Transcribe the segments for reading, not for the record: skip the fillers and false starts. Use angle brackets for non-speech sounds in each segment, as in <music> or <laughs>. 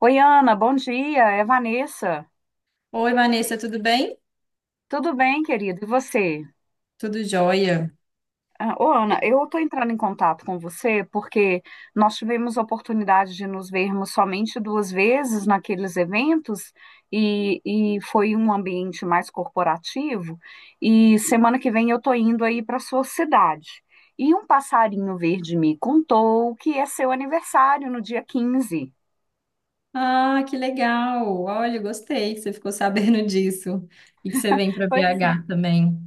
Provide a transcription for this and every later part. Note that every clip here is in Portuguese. Oi, Ana, bom dia. É Vanessa. Oi, Vanessa, tudo bem? Tudo bem, querido? E você? Tudo jóia. Ah, ô, Ana, eu estou entrando em contato com você porque nós tivemos a oportunidade de nos vermos somente duas vezes naqueles eventos e, e foi um ambiente mais corporativo. E semana que vem eu estou indo aí para sua cidade. E um passarinho verde me contou que é seu aniversário no dia 15. Ah, que legal. Olha, gostei que você ficou <laughs> sabendo disso e que você vem para <laughs> BH também.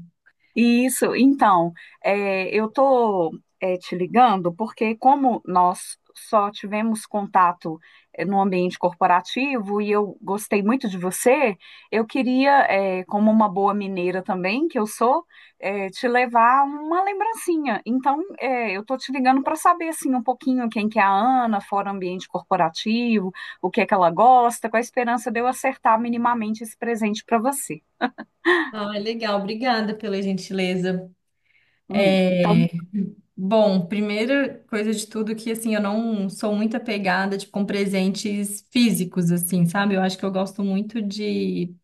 Isso, então, eu estou te ligando porque, como nós só tivemos contato no ambiente corporativo e eu gostei muito de você, eu queria, como uma boa mineira também, que eu sou, te levar uma lembrancinha. Então, eu estou te ligando para saber assim, um pouquinho quem que é a Ana, fora ambiente corporativo, o que é que ela gosta, com a esperança de eu acertar minimamente esse presente para você. Ah, legal. Obrigada pela gentileza. Então. É, Bom, primeira coisa de tudo que, assim, eu não sou muito apegada, tipo, com presentes físicos, assim, sabe? Eu acho que eu gosto muito de...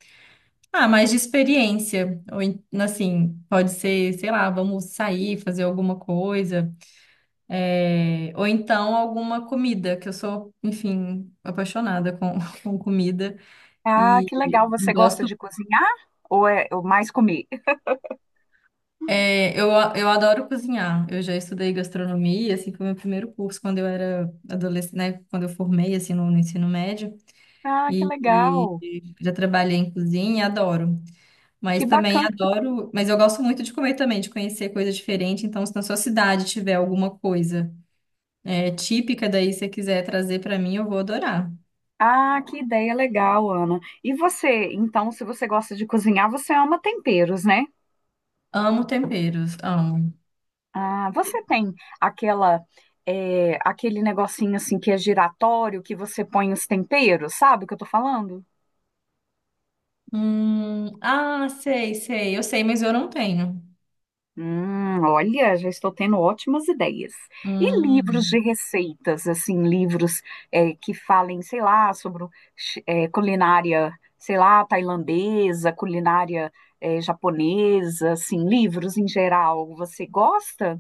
Ah, mais de experiência. Ou, assim, pode ser, sei lá, vamos sair, fazer alguma coisa, ou então alguma comida, que eu sou, enfim, apaixonada com, <laughs> com comida Ah, e que legal. Você gosta gosto. de cozinhar ou mais comer? é, eu, eu adoro cozinhar. Eu já estudei gastronomia, assim, foi o meu primeiro curso quando eu era adolescente, né? Quando eu formei, assim, no ensino médio. Ah, que E, legal. e já trabalhei em cozinha, adoro. Mas Que também bacana. adoro. Mas eu gosto muito de comer também, de conhecer coisa diferente. Então, se na sua cidade tiver alguma coisa típica, daí se você quiser trazer para mim, eu vou adorar. Ah, que ideia legal, Ana. E você, então, se você gosta de cozinhar, você ama temperos, né? Amo temperos, amo. Ah, você tem aquela aquele negocinho assim que é giratório que você põe os temperos, sabe o que eu tô falando? Ah, sei, sei, eu sei, mas eu não tenho. Olha, já estou tendo ótimas ideias. E livros Hum. de receitas, assim, livros que falem, sei lá, sobre o culinária, sei lá, tailandesa, culinária japonesa, assim, livros em geral. Você gosta?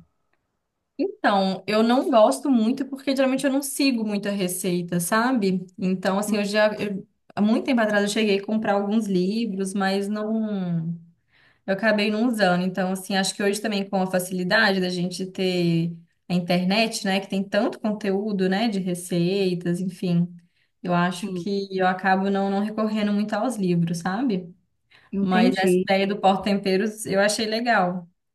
Então, eu não gosto muito porque geralmente eu não sigo muita receita, sabe? Então, assim, Hum, há muito tempo atrás eu cheguei a comprar alguns livros, mas não, eu acabei não usando. Então, assim, acho que hoje também com a facilidade da gente ter a internet, né, que tem tanto conteúdo, né, de receitas, enfim, eu acho Sim, que eu acabo não recorrendo muito aos livros, sabe? Mas essa entendi. ideia do porta-temperos eu achei legal. <laughs>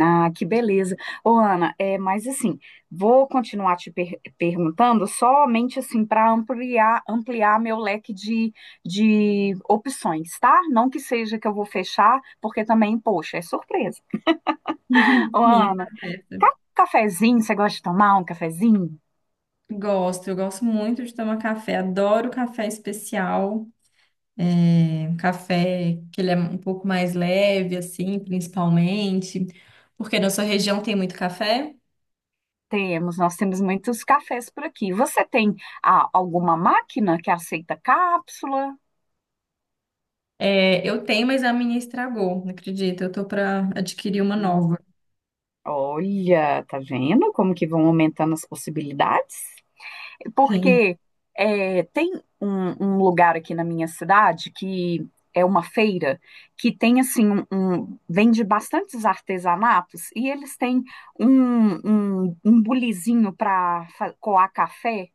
Ah, que beleza. Ô, Ana, mas assim, vou continuar te perguntando somente assim para ampliar meu leque de opções, tá? Não que seja que eu vou fechar, porque também, poxa, é surpresa. Ô, Uhum. Sim, tá Ana, certo. Cafezinho, você gosta de tomar um cafezinho? Gosto, eu gosto muito de tomar café, adoro café especial, é, um café que ele é um pouco mais leve, assim, principalmente, porque na sua região tem muito café. Temos, nós temos muitos cafés por aqui. Você tem alguma máquina que aceita cápsula? É, eu tenho, mas a minha estragou, não acredita? Eu tô para adquirir uma Hum, nova. Olha, tá vendo como que vão aumentando as possibilidades? Sim. Porque tem um lugar aqui na minha cidade que é uma feira que tem assim vende bastantes artesanatos e eles têm um bulizinho para coar café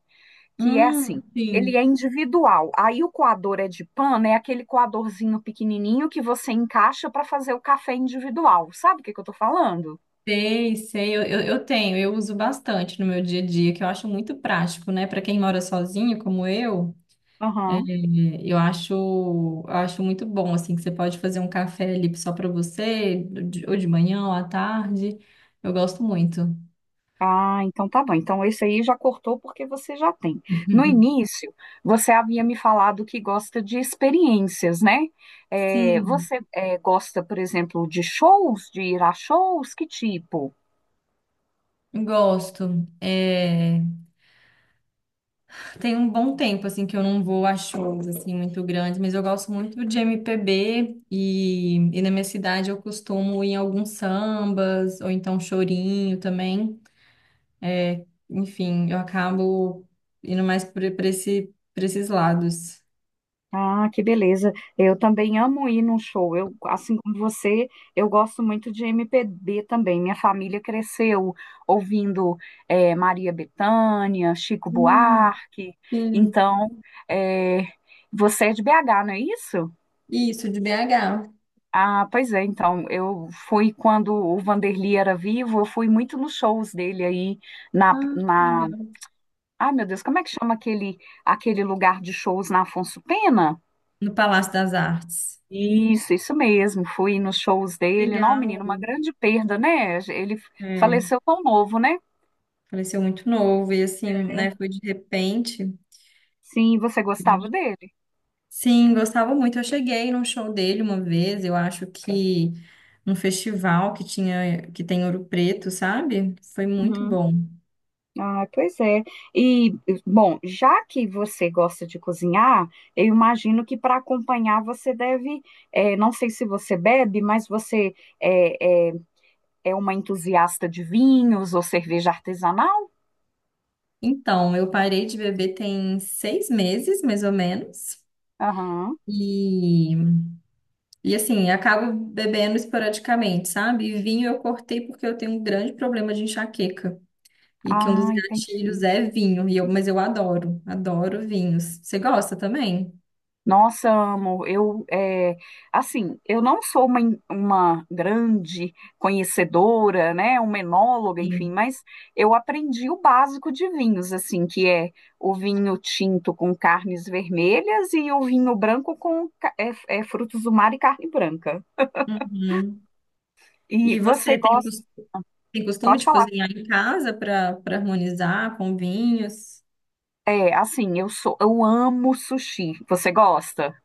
que é assim. Hum, sim, Ele é individual. Aí o coador é de pano, é aquele coadorzinho pequenininho que você encaixa para fazer o café individual. Sabe o que que eu tô falando? sei, sei, eu tenho, eu uso bastante no meu dia a dia, que eu acho muito prático, né? Para quem mora sozinho, como eu. É, Aham. Eu acho muito bom, assim, que você pode fazer um café ali só para você, ou de manhã ou à tarde. Eu gosto muito. Ah, então tá bom. Então esse aí já cortou porque você já tem. No início, você havia me falado que gosta de experiências, né? É, Sim, você gosta, por exemplo, de shows, de ir a shows? Que tipo? gosto. É, tem um bom tempo, assim, que eu não vou a shows, assim, muito grandes, mas eu gosto muito de MPB e na minha cidade eu costumo ir em alguns sambas, ou então chorinho também. É, enfim, eu acabo indo mais para para esses lados. Ah, que beleza. Eu também amo ir num show. Eu, assim como você, eu gosto muito de MPB também. Minha família cresceu ouvindo Maria Bethânia, Chico Hum. Buarque. Sim, Então, é, você é de BH, não é isso? isso, de BH. Ah, pois é, então, eu fui quando o Vanderlei era vivo, eu fui muito nos shows dele aí na, Ah, na... legal. Ah, meu Deus, como é que chama aquele, lugar de shows na Afonso Pena? No Palácio das Artes. Isso mesmo, fui nos shows dele. Não, Legal. menino, uma grande perda, né? Ele É, faleceu tão novo, né? faleceu muito novo e assim, né, foi de repente. Sim, você gostava dele? Sim, gostava muito. Eu cheguei num show dele uma vez, eu acho que num festival que tinha, que tem Ouro Preto, sabe? Foi muito Uhum. bom. Ah, pois é. E, bom, já que você gosta de cozinhar, eu imagino que para acompanhar você deve, não sei se você bebe, mas você é, é, é uma entusiasta de vinhos ou cerveja artesanal? Então, eu parei de beber tem 6 meses, mais ou menos. Aham. E e assim, acabo bebendo esporadicamente, sabe? E vinho eu cortei porque eu tenho um grande problema de enxaqueca. E que um dos Ah, gatilhos entendi. é vinho. E eu, mas eu adoro, adoro vinhos. Você gosta também? Nossa, amo. Eu, assim, eu não sou uma grande conhecedora, né, uma enóloga, enfim, Sim. mas eu aprendi o básico de vinhos, assim, que é o vinho tinto com carnes vermelhas e o vinho branco com frutos do mar e carne branca. Uhum. E E você você tem, gosta? Tem costume Pode de falar. cozinhar em casa para para harmonizar com vinhos? É, assim, eu amo sushi. Você gosta?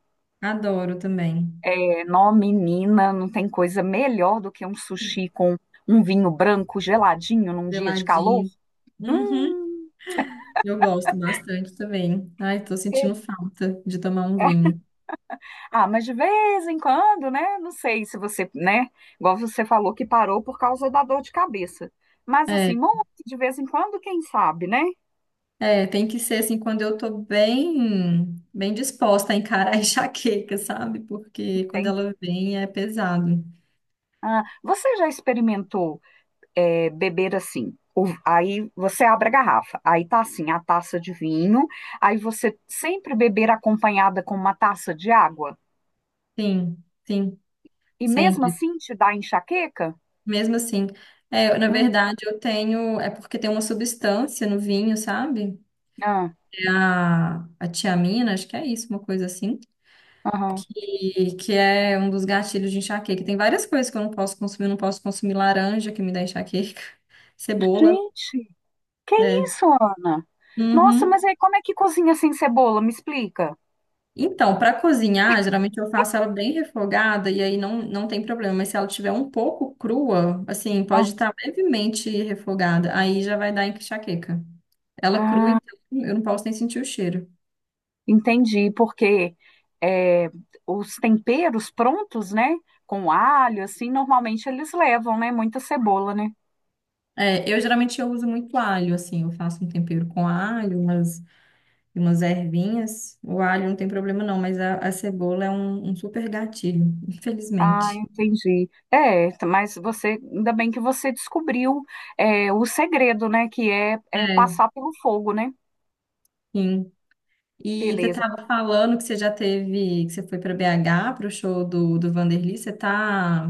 Adoro também. Nó, menina, não tem coisa melhor do que um sushi com um vinho branco geladinho num dia de calor. Geladinho. Uhum. Hum, Eu gosto bastante também. Ai, tô é- sentindo falta de tomar um é. vinho. Ah, mas de vez em quando, né? Não sei se você, né? Igual você falou que parou por causa da dor de cabeça. Mas assim, É. muito de vez em quando, quem sabe, né? É, tem que ser assim quando eu tô bem, bem disposta a encarar <laughs> a enxaqueca, sabe? Porque quando Entende? ela vem é pesado. Ah, você já experimentou beber assim? Aí você abre a garrafa, aí tá assim, a taça de vinho, aí você sempre beber acompanhada com uma taça de água? Sim, sim, E mesmo sempre. assim te dá enxaqueca? Mesmo assim, é, na Hum, verdade eu tenho, é porque tem uma substância no vinho, sabe? ah, É a tiamina, acho que é isso, uma coisa assim. aham. E que é um dos gatilhos de enxaqueca. Tem várias coisas que eu não posso consumir, não posso consumir laranja que me dá enxaqueca, <laughs> cebola, Gente, que é. isso, Ana? Nossa, Uhum. mas aí como é que cozinha sem cebola? Me explica. Então, para cozinhar, geralmente eu faço ela bem refogada e aí não tem problema. Mas se ela tiver um pouco crua, assim, Ah, pode estar levemente refogada, aí já vai dar enxaqueca. Ela é crua, ah, então eu não posso nem sentir o cheiro. entendi, porque é, os temperos prontos, né? Com alho, assim, normalmente eles levam, né? Muita cebola, né? É, eu uso muito alho, assim, eu faço um tempero com alho, umas, umas ervinhas. O alho não tem problema não, mas a cebola é um super gatilho, Ah, infelizmente. entendi. É, mas você, ainda bem que você descobriu o segredo, né? Que é É, passar pelo fogo, né? sim. E você Beleza. estava falando que você já teve, que você foi para BH para o show do Vanderlei.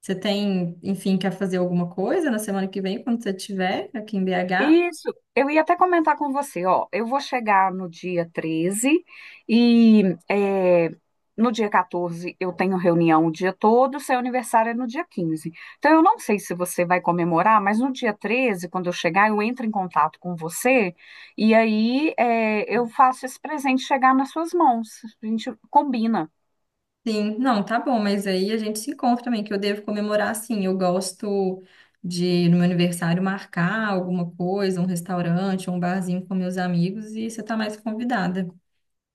Você tem, enfim, quer fazer alguma coisa na semana que vem, quando você estiver aqui em BH? Isso, eu ia até comentar com você, ó, eu vou chegar no dia 13 e é, no dia 14 eu tenho reunião o dia todo, seu aniversário é no dia 15. Então eu não sei se você vai comemorar, mas no dia 13, quando eu chegar, eu entro em contato com você e aí eu faço esse presente chegar nas suas mãos. A gente combina. Sim, não, tá bom, mas aí a gente se encontra também, que eu devo comemorar, sim. Eu gosto de, no meu aniversário, marcar alguma coisa, um restaurante, um barzinho com meus amigos, e você tá mais convidada.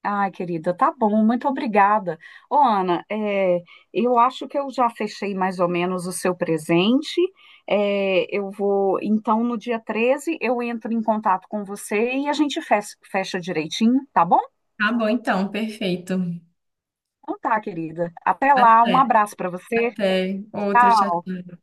Ai, querida, tá bom, muito obrigada. Ô, Ana, eu acho que eu já fechei mais ou menos o seu presente. Eu vou, então, no dia 13 eu entro em contato com você e a gente fecha direitinho, tá bom? Tá bom, então, perfeito. Então tá, querida. Até lá, Até, um abraço pra você. até outra, Tchau. tchau.